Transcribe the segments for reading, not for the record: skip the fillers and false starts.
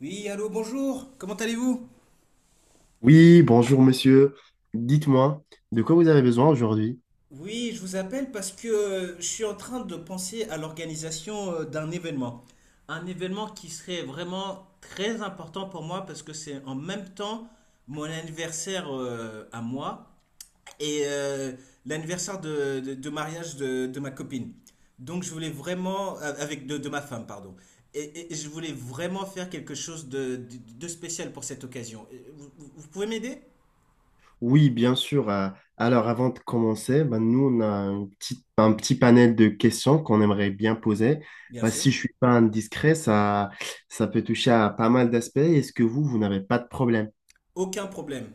Oui, allô, bonjour, comment allez-vous? Oui, bonjour monsieur. Dites-moi, de quoi vous avez besoin aujourd'hui? Oui, je vous appelle parce que je suis en train de penser à l'organisation d'un événement. Un événement qui serait vraiment très important pour moi parce que c'est en même temps mon anniversaire à moi et l'anniversaire de mariage de ma copine. Donc je voulais vraiment, avec de ma femme, pardon. Et je voulais vraiment faire quelque chose de spécial pour cette occasion. Et vous, vous pouvez m'aider? Oui, bien sûr. Alors, avant de commencer, ben, nous, on a un petit panel de questions qu'on aimerait bien poser. Bien Ben, sûr. si je suis pas indiscret, ça peut toucher à pas mal d'aspects. Est-ce que vous n'avez pas de problème? Aucun problème.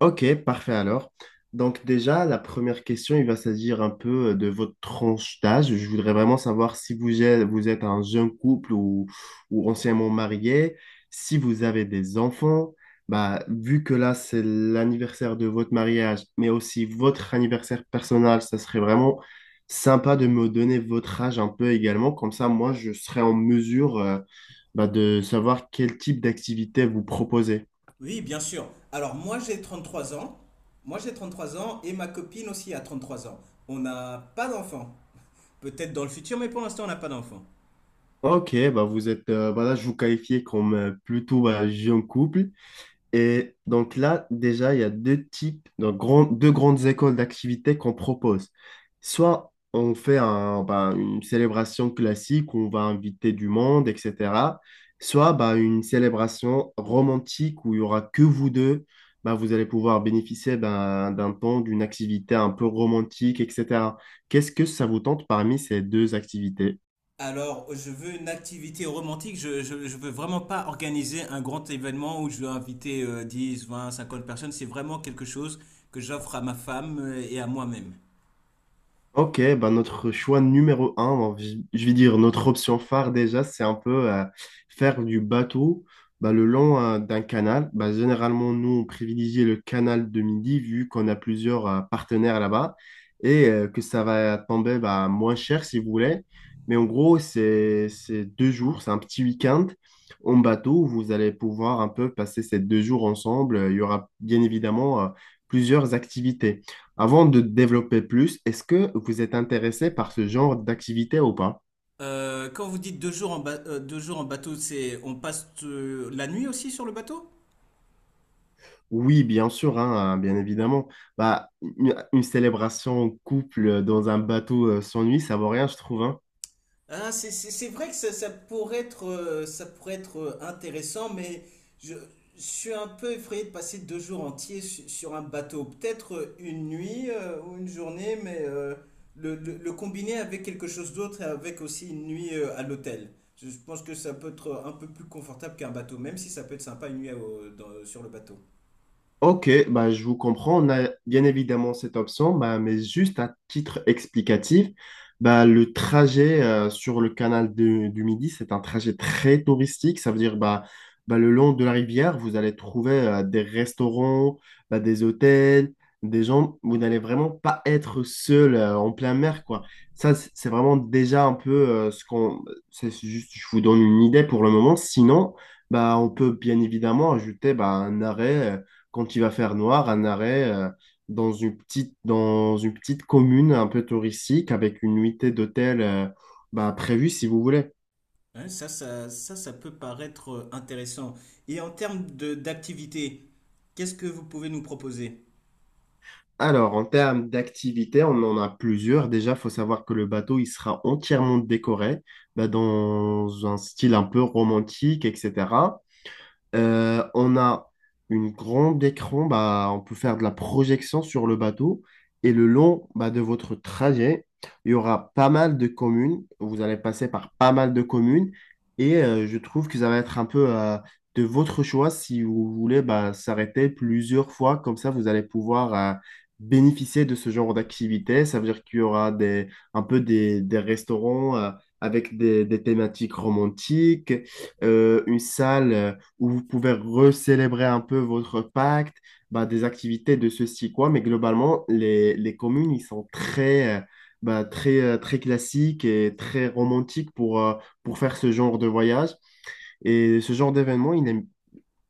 Ok, parfait alors. Donc déjà, la première question, il va s'agir un peu de votre tranche d'âge. Je voudrais vraiment savoir si vous êtes un jeune couple ou anciennement marié, si vous avez des enfants. Bah, vu que là, c'est l'anniversaire de votre mariage, mais aussi votre anniversaire personnel, ça serait vraiment sympa de me donner votre âge un peu également. Comme ça, moi, je serai en mesure, bah, de savoir quel type d'activité vous proposez. Oui, bien sûr. Alors moi j'ai 33 ans. Moi j'ai 33 ans et ma copine aussi a 33 ans. On n'a pas d'enfant. Peut-être dans le futur, mais pour l'instant on n'a pas d'enfant. Ok, bah vous êtes, voilà, je vous qualifiais comme plutôt bah, jeune couple. Et donc là, déjà, il y a deux types, donc deux grandes écoles d'activités qu'on propose. Soit on fait un, bah, une célébration classique où on va inviter du monde, etc. Soit bah, une célébration romantique où il y aura que vous deux. Bah, vous allez pouvoir bénéficier d'un temps, d'une activité un peu romantique, etc. Qu'est-ce que ça vous tente parmi ces deux activités? Alors je veux une activité romantique. Je veux vraiment pas organiser un grand événement où je vais inviter 10, 20, 50 personnes. C'est vraiment quelque chose que j'offre à ma femme et à moi-même. Ok, bah notre choix numéro un, bon, je vais dire notre option phare déjà, c'est un peu faire du bateau bah, le long d'un canal. Bah, généralement, nous, on privilégie le canal de Midi vu qu'on a plusieurs partenaires là-bas et que ça va tomber bah, moins cher si vous voulez. Mais en gros, c'est 2 jours, c'est un petit week-end en bateau où vous allez pouvoir un peu passer ces 2 jours ensemble. Il y aura bien évidemment plusieurs activités. Avant de développer plus, est-ce que vous êtes intéressé par ce genre d'activité ou pas? Quand vous dites deux jours en bateau, c'est on passe la nuit aussi sur le bateau? Oui, bien sûr, hein, bien évidemment. Bah, une célébration en couple dans un bateau sans nuit, ça vaut rien, je trouve. Hein. Ah, c'est vrai que ça, ça pourrait être intéressant, mais je, je suis un peu effrayé de passer deux jours entiers sur un bateau. Peut-être une nuit ou une journée, mais le combiner avec quelque chose d'autre et avec aussi une nuit à l'hôtel. Je pense que ça peut être un peu plus confortable qu'un bateau, même si ça peut être sympa une nuit sur le bateau. Ok, bah, je vous comprends. On a bien évidemment cette option, bah, mais juste à titre explicatif, bah, le trajet sur le canal du Midi, c'est un trajet très touristique. Ça veut dire bah, bah, le long de la rivière, vous allez trouver des restaurants, bah, des hôtels, des gens. Vous n'allez vraiment pas être seul en plein mer, quoi. Ça, c'est vraiment déjà un peu ce qu'on. C'est juste, je vous donne une idée pour le moment. Sinon, bah, on peut bien évidemment ajouter bah, un arrêt. Quand il va faire noir, un arrêt dans une petite commune un peu touristique avec une nuitée d'hôtel bah, prévue si vous voulez. Hein, ça peut paraître intéressant. Et en termes de d'activité, qu'est-ce que vous pouvez nous proposer? Alors, en termes d'activités, on en a plusieurs. Déjà, il faut savoir que le bateau, il sera entièrement décoré bah, dans un style un peu romantique, etc. On a une grande écran, bah, on peut faire de la projection sur le bateau. Et le long bah, de votre trajet, il y aura pas mal de communes. Vous allez passer par pas mal de communes. Et je trouve que ça va être un peu de votre choix si vous voulez bah, s'arrêter plusieurs fois. Comme ça, vous allez pouvoir bénéficier de ce genre d'activité. Ça veut dire qu'il y aura des, un peu des restaurants avec des thématiques romantiques, une salle où vous pouvez recélébrer un peu votre pacte, bah, des activités de ceci, quoi. Mais globalement, les communes, ils sont très, bah, très, très classiques et très romantiques pour faire ce genre de voyage. Et ce genre d'événement, il est,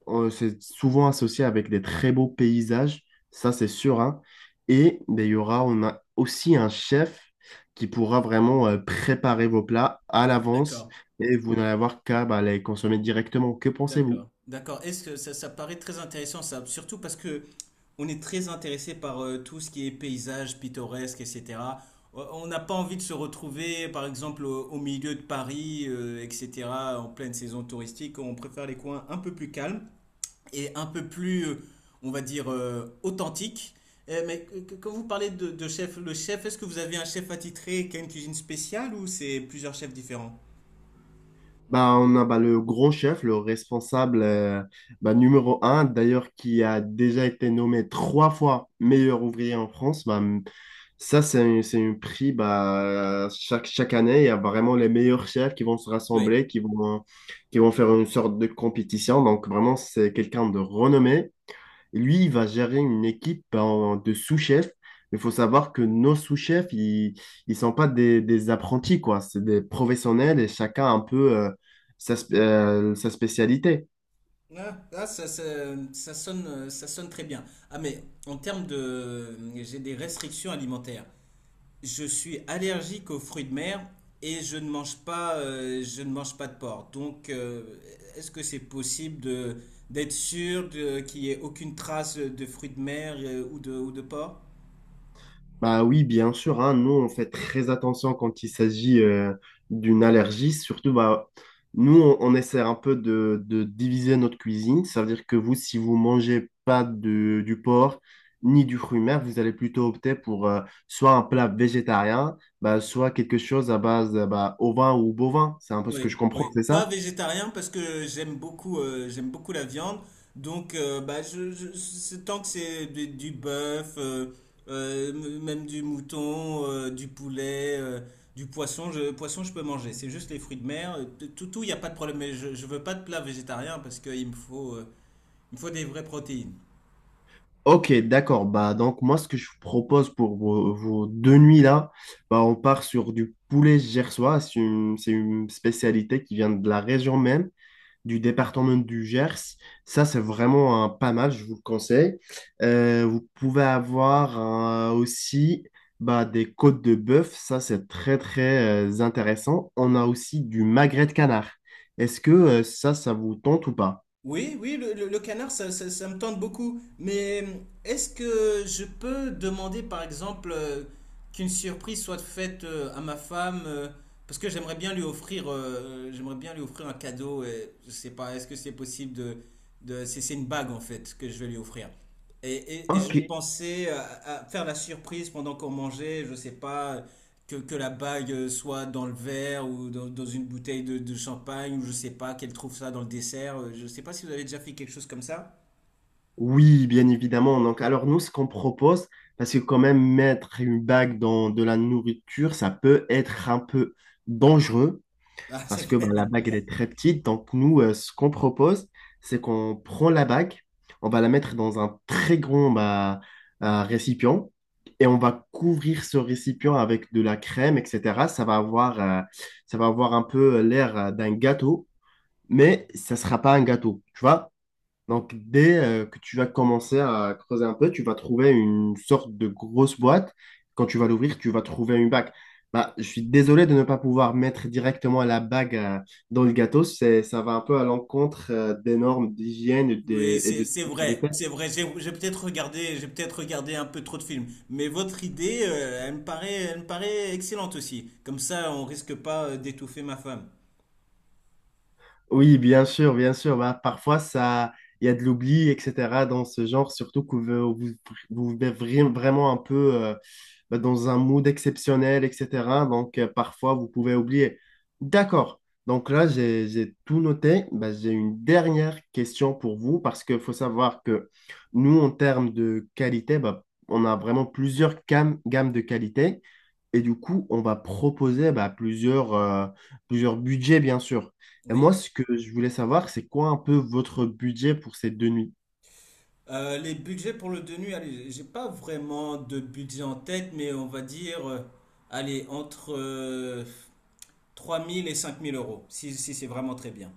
c'est souvent associé avec des très beaux paysages, ça c'est sûr, hein. Et bah, il y aura, on a aussi un chef qui pourra vraiment préparer vos plats à l'avance D'accord. et vous n'allez avoir qu'à bah, les consommer directement. Que pensez-vous? D'accord, d'accord. Est-ce que ça paraît très intéressant ça, surtout parce que on est très intéressé par tout ce qui est paysage pittoresque, etc. On n'a pas envie de se retrouver, par exemple, au milieu de Paris, etc. En pleine saison touristique, on préfère les coins un peu plus calmes et un peu plus, on va dire, authentiques. Eh, mais quand vous parlez de chef, le chef, est-ce que vous avez un chef attitré qui a une cuisine spéciale ou c'est plusieurs chefs différents? Bah, on a bah, le grand chef, le responsable bah, numéro un, d'ailleurs, qui a déjà été nommé trois fois meilleur ouvrier en France. Bah, ça, c'est un prix bah, chaque année. Il y a vraiment les meilleurs chefs qui vont se Oui. rassembler, qui vont faire une sorte de compétition. Donc, vraiment, c'est quelqu'un de renommé. Lui, il va gérer une équipe de sous-chefs. Il faut savoir que nos sous-chefs, ils ne sont pas des, des apprentis, quoi. C'est des professionnels et chacun a un peu sa, sa spécialité. Ah, ça, ça sonne très bien. Ah, mais en termes de... J'ai des restrictions alimentaires. Je suis allergique aux fruits de mer et je ne mange pas de porc. Donc, est-ce que c'est possible d'être sûr qu'il n'y ait aucune trace de fruits de mer ou ou de porc? Bah oui, bien sûr, hein, nous on fait très attention quand il s'agit d'une allergie. Surtout, bah, nous on essaie un peu de diviser notre cuisine. Ça veut dire que vous, si vous mangez pas du porc ni du fruit mer, vous allez plutôt opter pour soit un plat végétarien, bah, soit quelque chose à base bah, ovin ou bovin. C'est un peu ce que je Oui, comprends, oui. c'est Pas ça? végétarien parce que j'aime beaucoup la viande. Donc, tant que c'est du bœuf, même du mouton, du poulet, du poisson, poisson, je peux manger. C'est juste les fruits de mer. Tout, il n'y a pas de problème. Mais je veux pas de plat végétarien parce il me faut des vraies protéines. Ok, d'accord. Bah, donc, moi, ce que je vous propose pour vos 2 nuits-là, bah, on part sur du poulet gersois. C'est une spécialité qui vient de la région même, du département du Gers. Ça, c'est vraiment un pas mal, je vous le conseille. Vous pouvez avoir aussi bah, des côtes de bœuf. Ça, c'est très, très intéressant. On a aussi du magret de canard. Est-ce que ça, ça vous tente ou pas? Oui, oui, le canard, ça, ça me tente beaucoup. Mais est-ce que je peux demander, par exemple, qu'une surprise soit faite à ma femme, parce que j'aimerais bien lui offrir un cadeau. Et je sais pas, est-ce que c'est possible c'est une bague en fait que je vais lui offrir. Et Ok. je pensais à faire la surprise pendant qu'on mangeait, je sais pas, que la bague soit dans le verre ou dans une bouteille de champagne, ou je sais pas, qu'elle trouve ça dans le dessert. Je sais pas si vous avez déjà fait quelque chose comme ça. Oui, bien évidemment. Donc, alors nous, ce qu'on propose, parce que quand même mettre une bague dans de la nourriture, ça peut être un peu dangereux, Ah, c'est parce que bah, vrai. la bague, elle est très petite. Donc, nous, ce qu'on propose, c'est qu'on prend la bague, on va la mettre dans un très grand bah, récipient, et on va couvrir ce récipient avec de la crème, etc. Ça va avoir un peu l'air d'un gâteau, mais ça ne sera pas un gâteau, tu vois? Donc, dès que tu vas commencer à creuser un peu, tu vas trouver une sorte de grosse boîte. Quand tu vas l'ouvrir, tu vas trouver une bague. Bah, je suis désolé de ne pas pouvoir mettre directement la bague dans le gâteau. C'est, ça va un peu à l'encontre des normes d'hygiène et, Oui, et c'est de c'est vrai, sécurité. c'est vrai. J'ai peut-être regardé un peu trop de films, mais votre idée, elle me paraît excellente aussi. Comme ça, on risque pas d'étouffer ma femme. Oui, bien sûr, bien sûr. Bah, parfois, ça, il y a de l'oubli, etc. dans ce genre, surtout que vous, vous, vous êtes vraiment un peu bah, dans un mood exceptionnel, etc. Donc, parfois, vous pouvez oublier. D'accord. Donc là, j'ai tout noté. Bah, j'ai une dernière question pour vous parce qu'il faut savoir que nous, en termes de qualité, bah, on a vraiment plusieurs gammes de qualité. Et du coup, on va proposer bah, plusieurs budgets, bien sûr. Et moi, Oui. ce que je voulais savoir, c'est quoi un peu votre budget pour ces 2 nuits? Les budgets pour le deux nuits, allez, j'ai pas vraiment de budget en tête, mais on va dire, allez, entre 3 000 et cinq mille euros, si c'est vraiment très bien.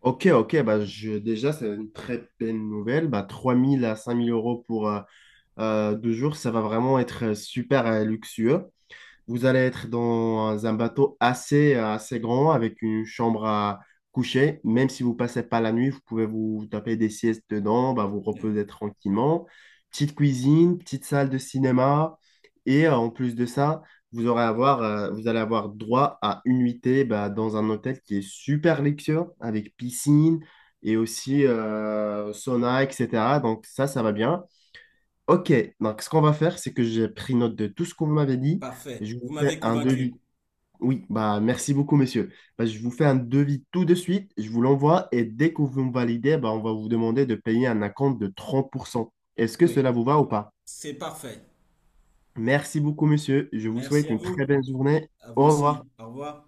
Ok, ok, bah, je, déjà, c'est une très belle nouvelle. Bah, 3 000 à 5 000 euros pour 2 jours, ça va vraiment être super luxueux. Vous allez être dans un bateau assez, assez grand avec une chambre à coucher. Même si vous passez pas la nuit, vous pouvez vous taper des siestes dedans, bah, vous Oui. reposer tranquillement. Petite cuisine, petite salle de cinéma. Et en plus de ça, vous aurez avoir, vous allez avoir droit à une nuitée bah, dans un hôtel qui est super luxueux avec piscine et aussi sauna, etc. Donc ça va bien. Ok, donc ce qu'on va faire, c'est que j'ai pris note de tout ce qu'on m'avait dit. Parfait. Je Vous vous fais m'avez un devis. convaincu. Oui, bah merci beaucoup, monsieur. Bah, je vous fais un devis tout de suite, je vous l'envoie et dès que vous me validez, bah, on va vous demander de payer un acompte de 30%. Est-ce que Oui, cela vous va ou pas? c'est parfait. Merci beaucoup, monsieur. Je vous Merci souhaite à une très vous. belle journée. À vous Au revoir. aussi. Au revoir.